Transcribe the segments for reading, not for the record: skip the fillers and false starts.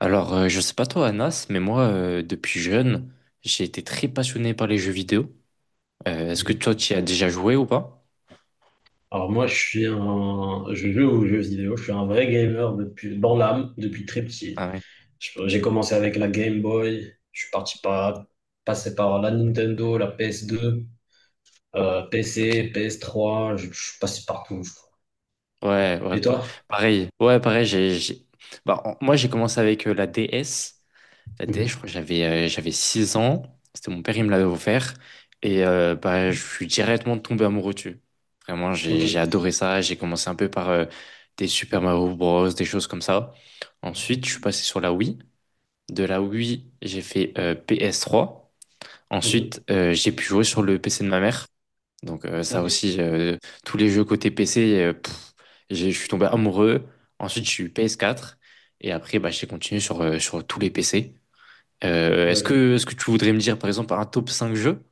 Alors, je sais pas toi, Anas, mais moi, depuis jeune, j'ai été très passionné par les jeux vidéo. Est-ce que toi, Mhm. tu y as déjà joué ou pas? Alors moi, je joue aux jeux vidéo, je suis un vrai gamer depuis, dans l'âme, depuis très petit. Ah ouais, J'ai commencé avec la Game Boy, je suis parti par, passé par la Nintendo, la PS2, ok. PC, PS3, je suis passé partout, je crois. Ouais, ouais, Et toi? pareil. Ouais, pareil, bah, moi, j'ai commencé avec la DS. La DS, je Mhm. crois que j'avais 6 ans. C'était mon père, il me l'avait offert. Et bah, je suis directement tombé amoureux dessus. Vraiment, Ok. J'ai adoré ça. J'ai commencé un peu par des Super Mario Bros, des choses comme ça. Ensuite, je suis passé sur la Wii. De la Wii, j'ai fait PS3. Mhm. Ensuite, j'ai pu jouer sur le PC de ma mère. Donc ça Ok. aussi, tous les jeux côté PC, je suis tombé amoureux. Ensuite, je suis PS4. Et après, bah, j'ai continué sur, sur tous les PC. Voilà. Est-ce que tu voudrais me dire, par exemple, un top cinq jeux?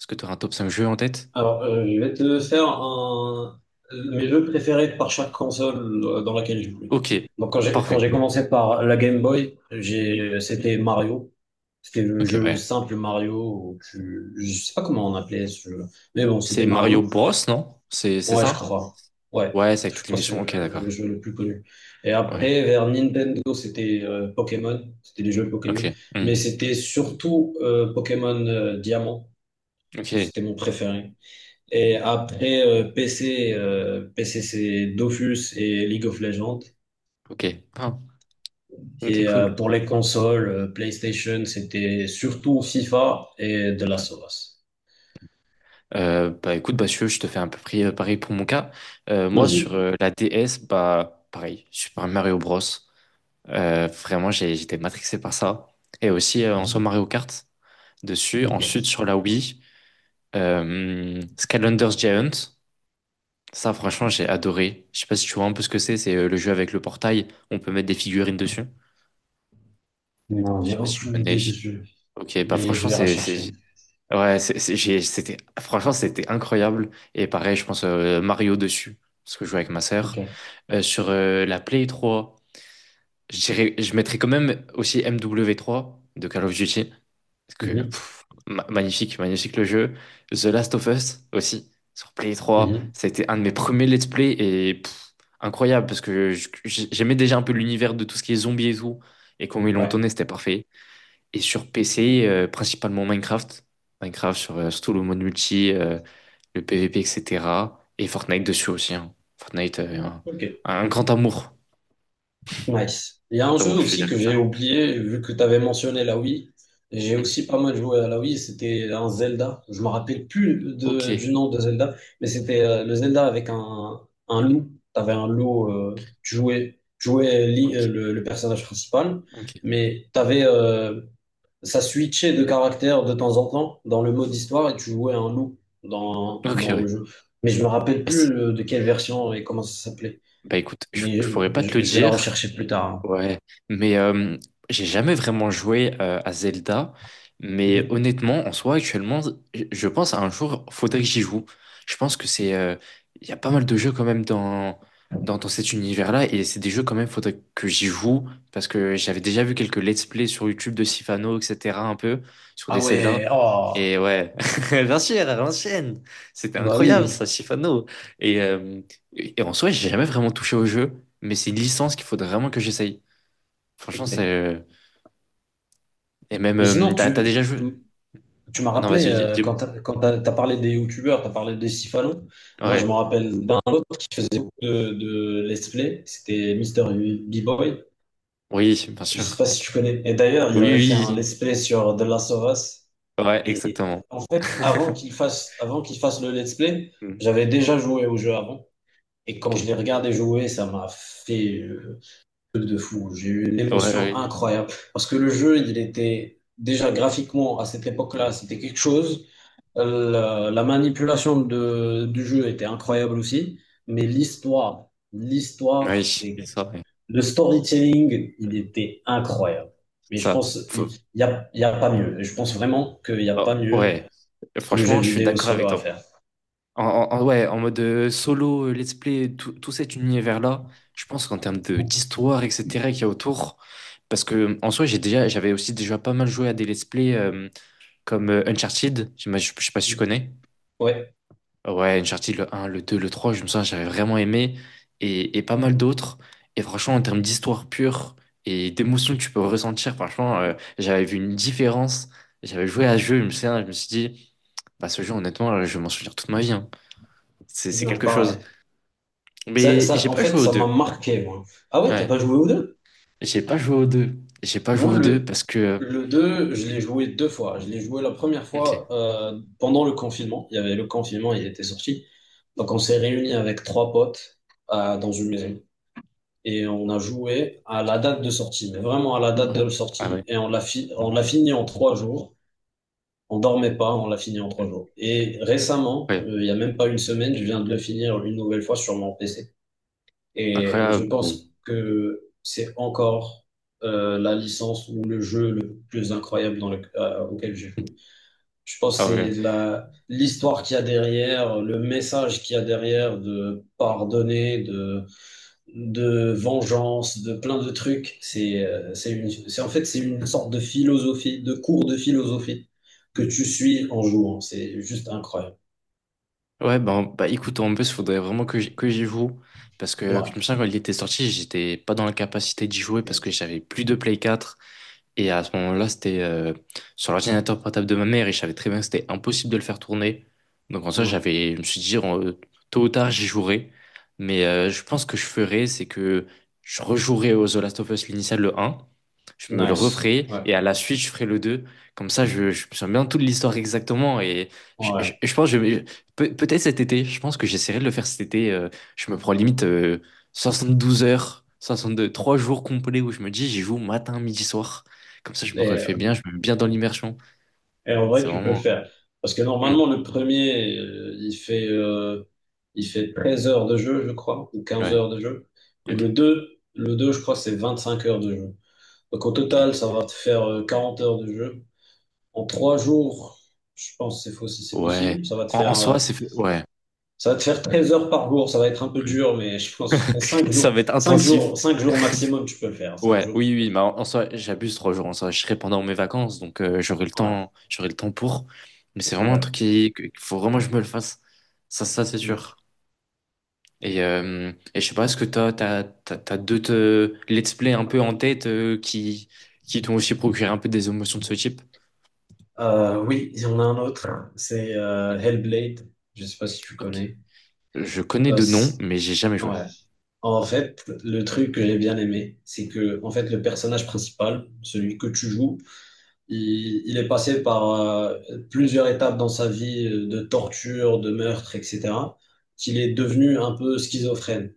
Est-ce que tu aurais un top 5 jeux en tête? Alors, je vais te faire mes jeux préférés par chaque console dans laquelle j'ai joué. Ok, Donc, quand j'ai quand parfait. j'ai commencé par la Game Boy, j'ai c'était Mario. C'était le Ok, jeu ouais. simple Mario. Je sais pas comment on appelait ce jeu, mais bon, C'est c'était Mario Mario. Bros, non? C'est Ouais, je ça? crois. Ouais, Ouais, c'est avec je toutes les crois que missions. c'est Ok, le d'accord. jeu le plus connu. Et Ouais. après, vers Nintendo, c'était Pokémon. C'était les jeux Pokémon, Ok. Hmm. mais c'était surtout Pokémon Diamant. Ok. C'était mon préféré. Et après Hmm. PC, PC c'est Dofus et League of Legends. Ok. Ah. Ok, Et cool. pour les consoles, PlayStation, c'était surtout FIFA et de Last of Us. Bah écoute, bah Mathieu, je te fais un peu près pareil pour mon cas. Moi, Vas-y. sur la DS, bah pareil, Super Mario Bros. Vraiment, j'étais matrixé par ça. Et aussi, en soi, Mhm. Mario Kart dessus. Ensuite, Ok. sur la Wii, Skylanders Giant. Ça, franchement, j'ai adoré. Je sais pas si tu vois un peu ce que c'est. C'est le jeu avec le portail. On peut mettre des figurines dessus. Non, Je sais j'ai pas si tu aucune connais. idée de ce jeu, Ok, bah mais je franchement, vais rechercher. Ouais, c'était franchement c'était incroyable, et pareil je pense Mario dessus, parce que je jouais avec ma sœur. Ok. Sur la Play 3, je mettrais quand même aussi MW3 de Call of Duty parce que Mhm. Magnifique, magnifique le jeu. The Last of Us aussi sur Play 3, Mhm. ça a été un de mes premiers let's play et incroyable parce que j'aimais déjà un peu l'univers de tout ce qui est zombies et tout, et comment ils l'ont Ouais. tourné c'était parfait. Et sur PC, principalement Minecraft. Minecraft sur surtout le mode multi, le PvP, etc. Et cetera. Et Fortnite dessus aussi, hein. Fortnite, Ok. un grand amour. Nice. Il y a un Grand jeu amour, je peux aussi dire que comme j'ai ça. oublié, vu que tu avais mentionné la Wii. J'ai Mm. aussi pas mal joué à la Wii, c'était un Zelda. Je me rappelle plus Ok, du nom de Zelda, mais c'était le Zelda avec un loup. Tu avais un loup, tu jouais ok, le personnage principal, ok. mais t'avais, ça switchait de caractère de temps en temps dans le mode histoire et tu jouais un loup dans, Ok, dans ouais. le jeu. Mais je me rappelle Bah, plus c'est- de quelle version et comment ça s'appelait. bah, écoute, Mais je pourrais pas te le je vais la dire. rechercher plus tard, hein. Ouais, mais j'ai jamais vraiment joué à Zelda, mais Mhm. honnêtement, en soi, actuellement, je pense à un jour, faudrait que j'y joue. Je pense que c'est, il y a pas mal de jeux quand même dans cet univers-là, et c'est des jeux quand même, faudrait que j'y joue, parce que j'avais déjà vu quelques let's play sur YouTube de Sifano, etc., un peu, sur des Ah Zelda, ouais, oh, et ouais, bien sûr, à l'ancienne, c'était bah incroyable ça, oui. Sifano, et euh, et en soi, j'ai jamais vraiment touché au jeu, mais c'est une licence qu'il faudrait vraiment que j'essaye. Franchement, Mais c'est. Et même, sinon, t'as, t'as tu, déjà tu, joué? tu m'as Ah non, rappelé, vas-y, quand dis- t'as, quand t'as, t'as parlé des youtubeurs, t'as parlé des Sifalo. Moi, je Ouais. me rappelle d'un autre qui faisait beaucoup de let's play. C'était Mister B-Boy. Oui, bien Je sais sûr. pas si tu connais. Et d'ailleurs, il Oui, avait fait un oui, let's play sur The Last of Us. oui. Ouais, Et exactement. en fait, avant qu'il fasse le let's play, Mm. j'avais déjà joué au jeu avant. Et quand Ok. je l'ai regardé jouer, ça m'a fait, de fou. J'ai eu une Ouais, émotion ouais. incroyable. Parce que le jeu, il était déjà graphiquement à cette Ouais. époque-là, c'était quelque chose. La manipulation du jeu était incroyable aussi. Mais l'histoire, Ouais, l'histoire, oui, c'est c'est. ça. Ouais. Le storytelling, il Mm. était incroyable. Mais C'est je ça. pense, il Faut- n'y a, il y a pas mieux. Et je pense vraiment qu'il n'y a oh, pas mieux ouais. comme jeu Franchement, je suis vidéo d'accord solo avec à toi. faire. Ouais, en mode solo, let's play, tout cet univers-là, je pense qu'en termes de d'histoire, etc., qu'il y a autour, parce que en soi, j'avais aussi déjà pas mal joué à des let's play comme Uncharted, je sais pas si tu connais. Ouais, Ouais, Uncharted, le un, le deux, le trois, je me souviens, j'avais vraiment aimé, et pas mal d'autres. Et franchement, en termes d'histoire pure et d'émotion que tu peux ressentir, franchement, j'avais vu une différence. J'avais joué à ce jeu, je me souviens, je me suis dit, bah, ce jeu, honnêtement, je vais m'en souvenir toute ma vie, hein. C'est ouais, quelque pareil. chose. Ça, Mais j'ai ça, en pas fait, joué aux ça m'a deux. marqué, moi. Ah ouais, t'as Ouais. pas joué aux deux? J'ai pas joué aux deux. J'ai pas joué Moi, aux deux le, parce que. le 2 je euh, l'ai joué deux fois. Je l'ai joué la première Ok. fois pendant le confinement. Il y avait le confinement, il était sorti. Donc, on s'est réunis avec trois potes dans une maison. Et on a joué à la date de sortie, mais vraiment à la date Ouais. de Ah ouais. sortie. Et on l'a on l'a fini en 3 jours. On dormait pas, on l'a fini en trois jours. Et récemment, Ouais. Il y a même pas une semaine, je viens de le finir une nouvelle fois sur mon PC. Et je Incroyable. Pense que c'est encore la licence ou le jeu le plus incroyable auquel j'ai joué. Je pense que Ah ouais. c'est l'histoire qu'il y a derrière, le message qu'il y a derrière de pardonner, de vengeance, de plein de trucs. En fait, c'est une sorte de philosophie, de cours de philosophie que tu suis en jouant. C'est juste incroyable. Ouais, ben, bah écoute, en plus, il faudrait vraiment que j'y joue. Parce que, Ouais, je me ça, quand il était sorti, j'étais pas dans la capacité d'y jouer parce que j'avais plus de Play 4. Et à ce moment-là, c'était sur l'ordinateur portable de ma mère et je savais très bien que c'était impossible de le faire tourner. Donc en soi, ouais. Je me suis dit, tôt ou tard, j'y jouerai. Mais je pense que je ferai, c'est que je rejouerai au The Last of Us l'initial, le un. Je me le Nice. referai Ouais, et à la suite, je ferai le deux. Comme ça, je me souviens bien toute l'histoire exactement. Et ouais. je pense, que je, peut-être cet été, je pense que j'essaierai de le faire cet été. Je me prends limite 12 heures, 62 3 jours complets où je me dis, j'y joue matin, midi, soir. Comme ça, je me Et, refais bien, je me mets bien dans l'immersion. Et en vrai, C'est tu peux le vraiment. faire. Parce que Hmm. normalement, le premier, il fait 13 heures de jeu, je crois, ou quinze Ouais. heures de jeu. Et le Ok. deux, le deux, je crois, c'est 25 heures de jeu. Donc au Ok. total, ça va te faire 40 heures de jeu. En 3 jours, je pense que c'est faux si c'est Ouais. possible. Ça va te En, en faire, soi, c'est. Ouais. ça va te faire 13 heures par jour. Ça va être un peu Ouais. dur, mais je pense en cinq Ça jours, va être cinq intensif. jours, cinq jours maximum, tu peux le faire. 5 Ouais. jours, tu Oui, oui, peux oui, le faire. mais en soi, j'abuse trois jours. En soi, je serai pendant mes vacances, donc j'aurai le Voilà. temps. J'aurai le temps pour. Mais c'est vraiment un truc Ouais, qu'il faut vraiment que je me le fasse. Ça, c'est ouais. sûr. Et, et je sais pas, est-ce que t'as d'autres let's play un peu en tête, qui t'ont aussi procuré un peu des émotions de ce type? Oui, il y en a un autre. C'est Hellblade. Je sais pas si tu Ok. connais. Je connais Euh, de noms, c- mais j'ai jamais joué. ouais. En fait, le truc que j'ai bien aimé, c'est que en fait le personnage principal, celui que tu joues, il est passé par plusieurs étapes dans sa vie de torture, de meurtre, etc. Qu'il est devenu un peu schizophrène.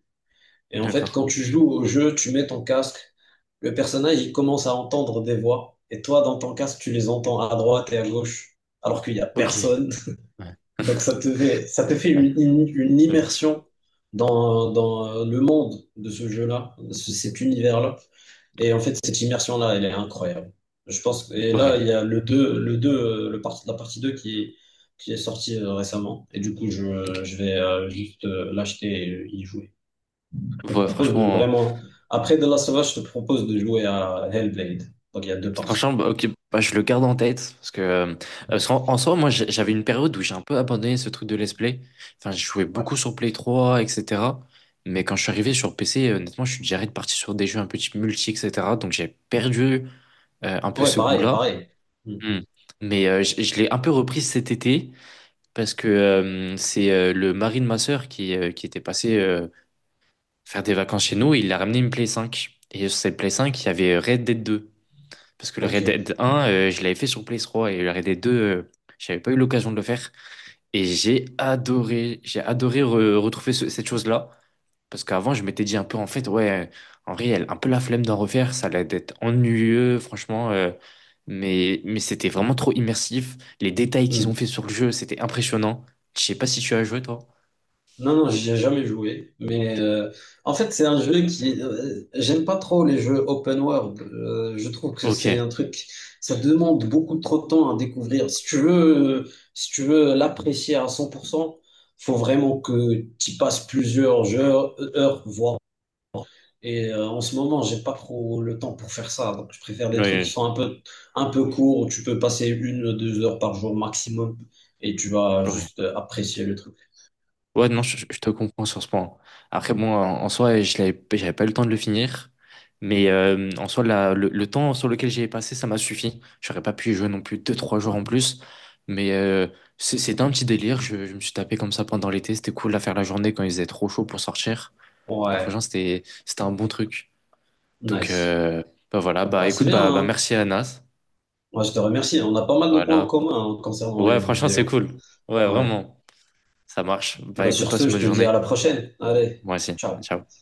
Et en fait, D'accord. quand tu joues au jeu, tu mets ton casque, le personnage il commence à entendre des voix, et toi dans ton casque tu les entends à droite et à gauche, alors qu'il y a Ok, personne. ouais, Donc ça te fait ouais, une immersion. immersion dans le monde de ce jeu-là, de cet univers-là. Et en fait, cette immersion-là, elle est incroyable. Je pense, et là, Ouais, il y a le 2 le 2 le part- la partie 2 qui est sortie récemment. Et du coup, ok. je vais juste l'acheter et y jouer. Je te Ouais, propose de franchement, vraiment, après The Last of Us, je te propose de jouer à Hellblade. Donc il y a deux franchement, parties. bah, ok, bah, je le garde en tête, parce que, parce qu'en soi, moi, j'avais une période où j'ai un peu abandonné ce truc de let's play. Enfin, je jouais Ouais, beaucoup sur Play 3, etc. Mais quand je suis arrivé sur PC, honnêtement, je suis déjà reparti sur des jeux un peu type multi, etc. Donc, j'ai perdu un peu ouais ce pareil, goût-là. pareil. Hmm. Hmm. Mais je l'ai un peu repris cet été parce que c'est le mari de ma sœur, qui était passé, faire des vacances chez nous, et il a ramené une Play 5. Et sur cette Play 5, il y avait Red Dead 2. Parce que le Red Ok. Dead 1, je l'avais fait sur Play 3 et le Red Dead 2, j'avais pas eu l'occasion de le faire. Et j'ai adoré retrouver cette chose-là. Parce qu'avant, je m'étais dit un peu, en fait, ouais, en réel, un peu la flemme d'en refaire, ça allait être ennuyeux, franchement. Mais c'était vraiment trop immersif. Les détails qu'ils ont fait Hmm. sur le jeu, c'était impressionnant. Je sais pas si tu as joué, toi. Non, non, j'y ai jamais joué. Mais en fait, c'est un jeu qui. J'aime pas trop les jeux open world. Je trouve que c'est Ok. un truc. Ça demande beaucoup trop de temps à découvrir. Si tu veux l'apprécier à 100%, faut vraiment que tu passes plusieurs heures, voire. Et en ce moment, j'ai pas trop le temps pour faire ça. Donc, je préfère des trucs Ouais, qui je- sont un peu courts, où tu peux passer une, 2 heures par jour maximum et tu vas ouais. juste apprécier le truc. Ouais, non, je te comprends sur ce point. Après, bon, en soi, j'avais pas eu le temps de le finir. Mais en soi, le temps sur lequel j'y ai passé, ça m'a suffi. J'aurais pas pu y jouer non plus deux, trois jours en plus. Mais c'était un petit délire. Je me suis tapé comme ça pendant l'été. C'était cool à faire la journée quand il faisait trop chaud pour sortir. Donc, franchement, Ouais, c'était un bon truc. Donc, nice. Bah voilà. Bah Bah, c'est écoute, bien, bah hein. merci, Anas. Moi, je te remercie. On a pas mal de points en Voilà. commun, hein, concernant les Ouais, jeux franchement, c'est vidéo. cool. Ouais, Ouais. vraiment. Ça marche. Bah Bah, écoute, sur passe ce, une je bonne te dis journée. à la prochaine. Allez, Moi aussi. ciao. Ciao.